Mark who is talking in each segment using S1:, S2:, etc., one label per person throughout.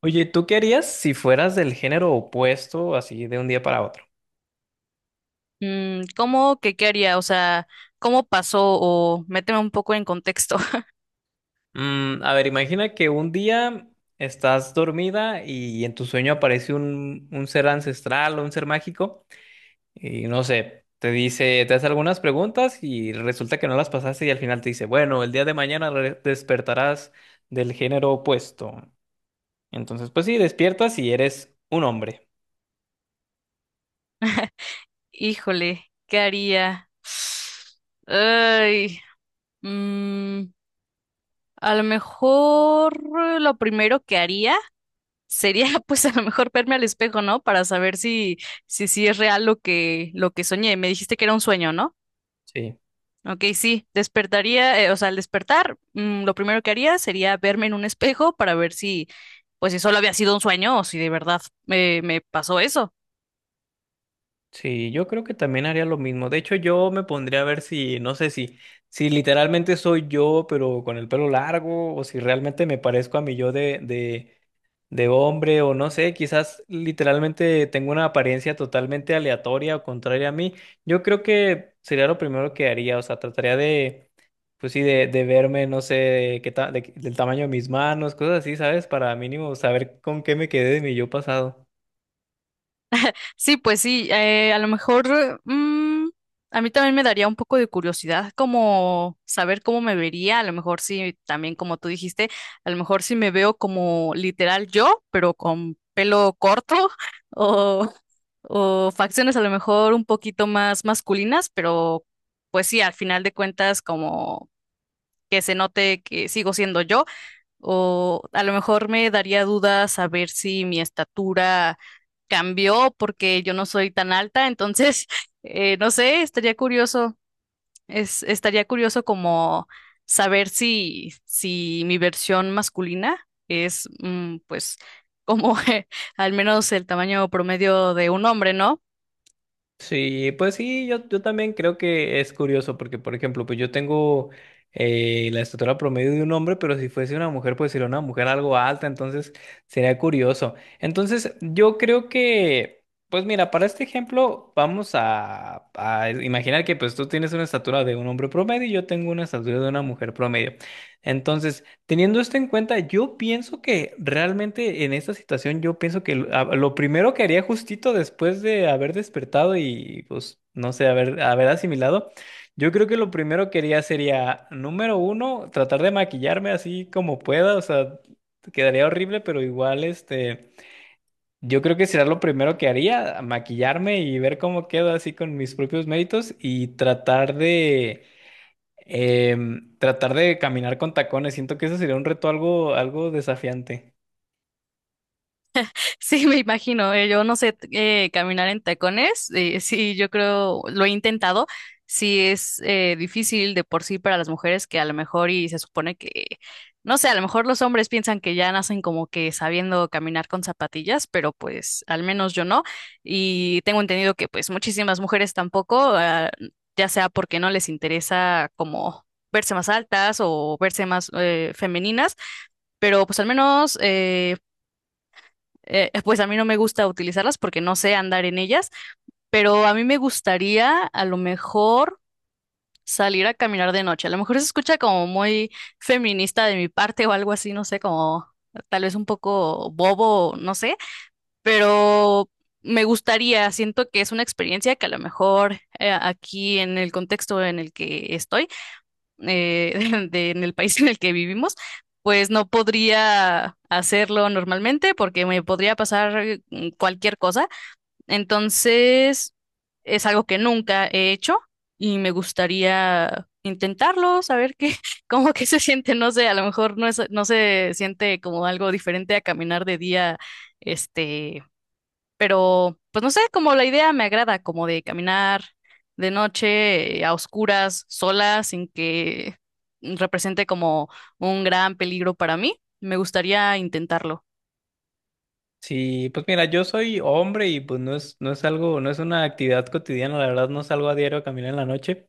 S1: Oye, ¿tú qué harías si fueras del género opuesto, así de un día para otro?
S2: ¿Cómo que qué haría? O sea, ¿cómo pasó? O méteme un poco en contexto.
S1: A ver, imagina que un día estás dormida y en tu sueño aparece un ser ancestral o un ser mágico y no sé, te dice, te hace algunas preguntas y resulta que no las pasaste y al final te dice, bueno, el día de mañana despertarás del género opuesto. Entonces, pues sí, despiertas y eres un hombre.
S2: Híjole, ¿qué haría? Ay, mm, a lo mejor lo primero que haría sería, pues, a lo mejor verme al espejo, ¿no? Para saber si es real lo que soñé. Me dijiste que era un sueño, ¿no?
S1: Sí.
S2: Ok, sí, despertaría, o sea, al despertar, lo primero que haría sería verme en un espejo para ver si, pues si solo había sido un sueño o si de verdad me pasó eso.
S1: Sí, yo creo que también haría lo mismo. De hecho, yo me pondría a ver si, no sé si literalmente soy yo, pero con el pelo largo, o si realmente me parezco a mi yo de hombre, o no sé, quizás literalmente tengo una apariencia totalmente aleatoria o contraria a mí. Yo creo que sería lo primero que haría, o sea, trataría de, pues sí, de verme, no sé, de qué ta- de- del tamaño de mis manos, cosas así, ¿sabes? Para mínimo saber con qué me quedé de mi yo pasado.
S2: Sí, pues sí, a lo mejor a mí también me daría un poco de curiosidad como saber cómo me vería, a lo mejor sí, también como tú dijiste, a lo mejor sí me veo como literal yo, pero con pelo corto o, o facciones a lo mejor un poquito más masculinas, pero pues sí, al final de cuentas como que se note que sigo siendo yo o a lo mejor me daría dudas saber si mi estatura cambió porque yo no soy tan alta, entonces, no sé, estaría curioso, estaría curioso como saber si, si mi versión masculina es, pues, como al menos el tamaño promedio de un hombre, ¿no?
S1: Sí, pues sí, yo también creo que es curioso porque, por ejemplo, pues yo tengo la estatura promedio de un hombre, pero si fuese una mujer, pues sería una mujer algo alta, entonces sería curioso. Entonces, yo creo que, pues mira, para este ejemplo, vamos a imaginar que pues tú tienes una estatura de un hombre promedio y yo tengo una estatura de una mujer promedio. Entonces, teniendo esto en cuenta, yo pienso que realmente en esta situación, yo pienso que lo primero que haría justito después de haber despertado y pues no sé, haber asimilado, yo creo que lo primero que haría sería, número uno, tratar de maquillarme así como pueda, o sea, quedaría horrible, pero igual este, yo creo que será lo primero que haría, maquillarme y ver cómo quedo así con mis propios méritos y tratar de caminar con tacones, siento que eso sería un reto algo desafiante.
S2: Sí, me imagino. Yo no sé caminar en tacones. Sí, yo creo, lo he intentado. Sí, es difícil de por sí para las mujeres que a lo mejor y se supone que, no sé, a lo mejor los hombres piensan que ya nacen como que sabiendo caminar con zapatillas, pero pues al menos yo no. Y tengo entendido que pues muchísimas mujeres tampoco, ya sea porque no les interesa como verse más altas o verse más femeninas, pero pues al menos pues a mí no me gusta utilizarlas porque no sé andar en ellas, pero a mí me gustaría a lo mejor salir a caminar de noche. A lo mejor se escucha como muy feminista de mi parte o algo así, no sé, como tal vez un poco bobo, no sé, pero me gustaría, siento que es una experiencia que a lo mejor aquí en el contexto en el que estoy, en el país en el que vivimos, pues no podría hacerlo normalmente porque me podría pasar cualquier cosa. Entonces, es algo que nunca he hecho y me gustaría intentarlo, saber qué, cómo que se siente, no sé, a lo mejor no es, no se siente como algo diferente a caminar de día, este, pero, pues no sé, como la idea me agrada, como de caminar de noche, a oscuras, sola, sin que represente como un gran peligro para mí. Me gustaría intentarlo.
S1: Sí, pues mira, yo soy hombre y pues no es, algo, no es una actividad cotidiana, la verdad no salgo a diario a caminar en la noche.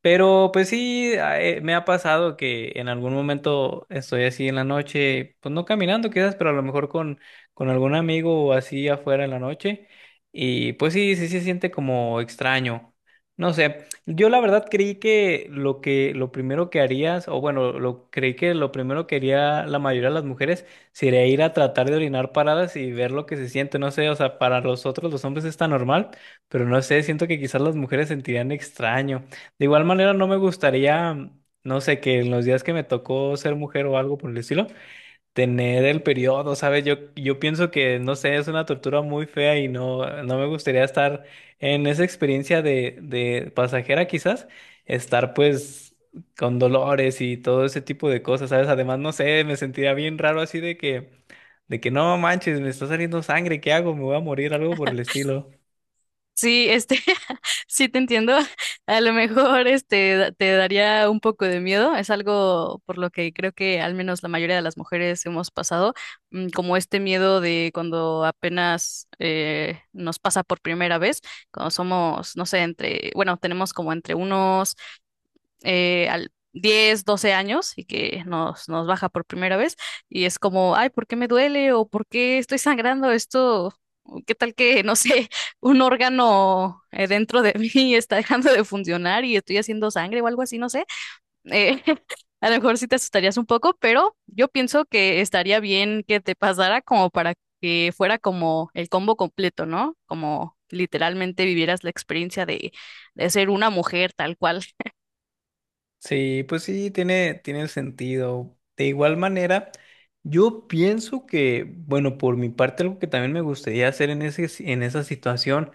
S1: Pero pues sí, me ha pasado que en algún momento estoy así en la noche, pues no caminando quizás, pero a lo mejor con algún amigo o así afuera en la noche. Y pues sí, sí se siente como extraño. No sé, yo la verdad creí que lo primero que harías, o bueno, lo creí que lo primero que haría la mayoría de las mujeres sería ir a tratar de orinar paradas y ver lo que se siente. No sé, o sea, para los otros los hombres está normal, pero no sé, siento que quizás las mujeres sentirían extraño. De igual manera, no me gustaría, no sé, que en los días que me tocó ser mujer o algo por el estilo, tener el periodo, ¿sabes? Yo pienso que, no sé, es una tortura muy fea y no, no me gustaría estar en esa experiencia de pasajera quizás, estar pues con dolores y todo ese tipo de cosas, ¿sabes? Además, no sé, me sentiría bien raro así de que, no manches, me está saliendo sangre, ¿qué hago? Me voy a morir, algo por el estilo.
S2: Sí, este, sí te entiendo. A lo mejor este te daría un poco de miedo. Es algo por lo que creo que al menos la mayoría de las mujeres hemos pasado, como este miedo de cuando apenas nos pasa por primera vez, cuando somos, no sé, entre, bueno, tenemos como entre unos al 10 o 12 años y que nos baja por primera vez y es como, ay, ¿por qué me duele? ¿O por qué estoy sangrando esto? ¿Qué tal que, no sé, un órgano dentro de mí está dejando de funcionar y estoy haciendo sangre o algo así, no sé? Eh, a lo mejor sí te asustarías un poco, pero yo pienso que estaría bien que te pasara como para que fuera como el combo completo, ¿no? Como literalmente vivieras la experiencia de ser una mujer tal cual.
S1: Sí, pues sí, tiene sentido. De igual manera, yo pienso que, bueno, por mi parte, algo que también me gustaría hacer en ese, en esa situación,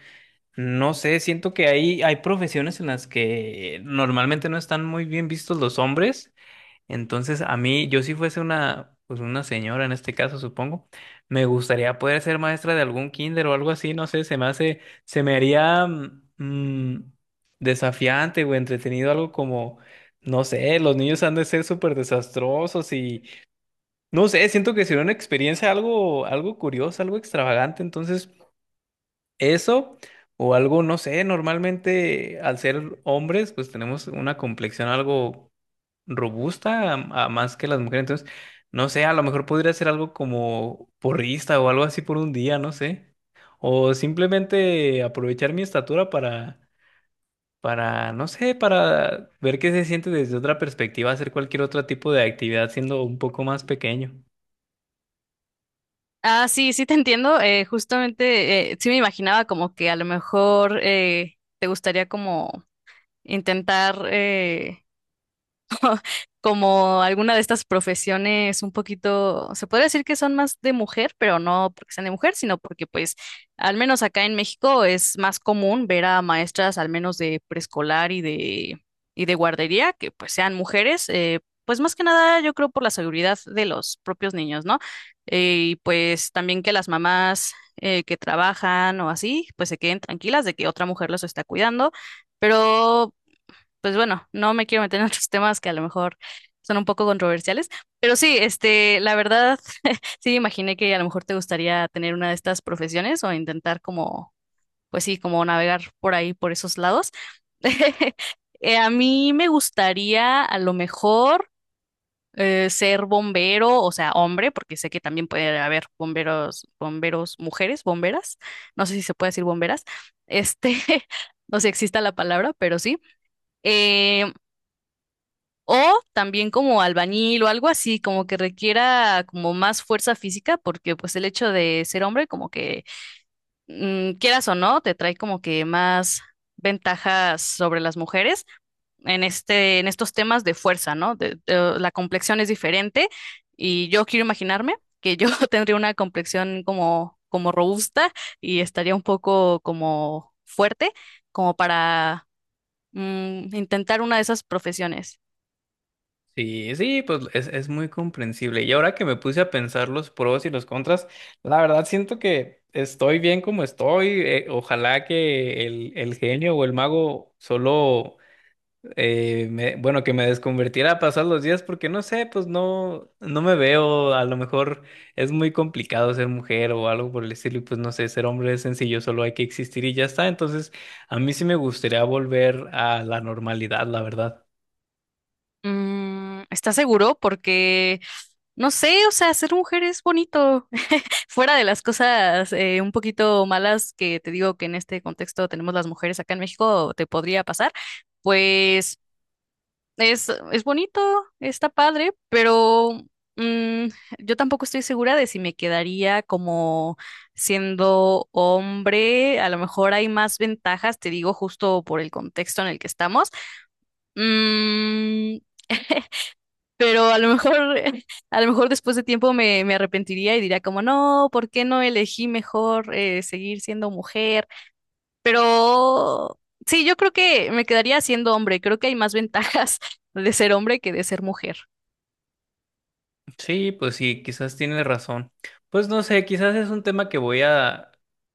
S1: no sé, siento que hay profesiones en las que normalmente no están muy bien vistos los hombres. Entonces, a mí, yo si fuese una, pues una señora en este caso, supongo, me gustaría poder ser maestra de algún kinder o algo así, no sé, se me hace, se me haría mm, desafiante o entretenido algo como, no sé, los niños han de ser súper desastrosos y, no sé, siento que sería una experiencia algo curiosa, algo extravagante, entonces eso o algo, no sé, normalmente al ser hombres, pues tenemos una complexión algo robusta a más que las mujeres. Entonces, no sé, a lo mejor podría ser algo como porrista o algo así por un día, no sé. O simplemente aprovechar mi estatura para, no sé, para ver qué se siente desde otra perspectiva, hacer cualquier otro tipo de actividad siendo un poco más pequeño.
S2: Ah, sí, sí te entiendo. Justamente, sí me imaginaba como que a lo mejor te gustaría como intentar como alguna de estas profesiones un poquito, se podría decir que son más de mujer, pero no porque sean de mujer, sino porque pues al menos acá en México es más común ver a maestras al menos de preescolar y de guardería que pues sean mujeres, pues más que nada yo creo por la seguridad de los propios niños, ¿no? Y pues también que las mamás que trabajan o así, pues se queden tranquilas de que otra mujer los está cuidando. Pero pues bueno, no me quiero meter en otros temas que a lo mejor son un poco controversiales, pero sí, este, la verdad, sí, imaginé que a lo mejor te gustaría tener una de estas profesiones o intentar como, pues sí, como navegar por ahí, por esos lados. A mí me gustaría a lo mejor ser bombero, o sea, hombre, porque sé que también puede haber bomberos, bomberos, mujeres, bomberas, no sé si se puede decir bomberas, este, no sé si exista la palabra, pero sí. Eh, o también como albañil o algo así, como que requiera como más fuerza física, porque pues el hecho de ser hombre, como que quieras o no, te trae como que más ventajas sobre las mujeres en este, en estos temas de fuerza, ¿no? La complexión es diferente y yo quiero imaginarme que yo tendría una complexión como, como robusta y estaría un poco como fuerte, como para intentar una de esas profesiones.
S1: Sí, sí, pues es muy comprensible. Y ahora que me puse a pensar los pros y los contras, la verdad siento que estoy bien como estoy. Ojalá que el genio o el mago solo, bueno, que me desconvertiera a pasar los días, porque no sé, pues no, no me veo. A lo mejor es muy complicado ser mujer o algo por el estilo. Y pues no sé, ser hombre es sencillo, solo hay que existir y ya está. Entonces, a mí sí me gustaría volver a la normalidad, la verdad.
S2: ¿Estás seguro? Porque, no sé, o sea, ser mujer es bonito. Fuera de las cosas un poquito malas que te digo que en este contexto tenemos las mujeres acá en México, te podría pasar, pues es bonito, está padre, pero mm, yo tampoco estoy segura de si me quedaría como siendo hombre. A lo mejor hay más ventajas, te digo, justo por el contexto en el que estamos. Mm, pero a lo mejor, a lo mejor después de tiempo me arrepentiría y diría como, no, ¿por qué no elegí mejor seguir siendo mujer? Pero sí, yo creo que me quedaría siendo hombre. Creo que hay más ventajas de ser hombre que de ser mujer.
S1: Sí, pues sí, quizás tienes razón. Pues no sé, quizás es un tema que voy a,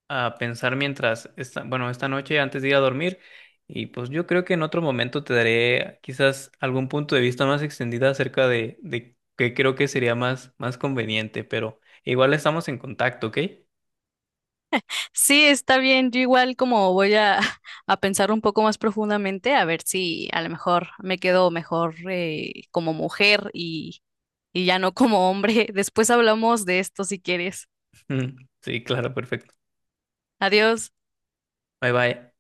S1: a pensar mientras, esta, bueno, esta noche antes de ir a dormir. Y pues yo creo que en otro momento te daré quizás algún punto de vista más extendido acerca de qué creo que sería más conveniente, pero igual estamos en contacto, ¿ok?
S2: Sí, está bien. Yo igual como voy a, a pensar un poco más profundamente, a ver si a lo mejor me quedo mejor como mujer y ya no como hombre. Después hablamos de esto si quieres.
S1: Sí, claro, perfecto.
S2: Adiós.
S1: Bye bye.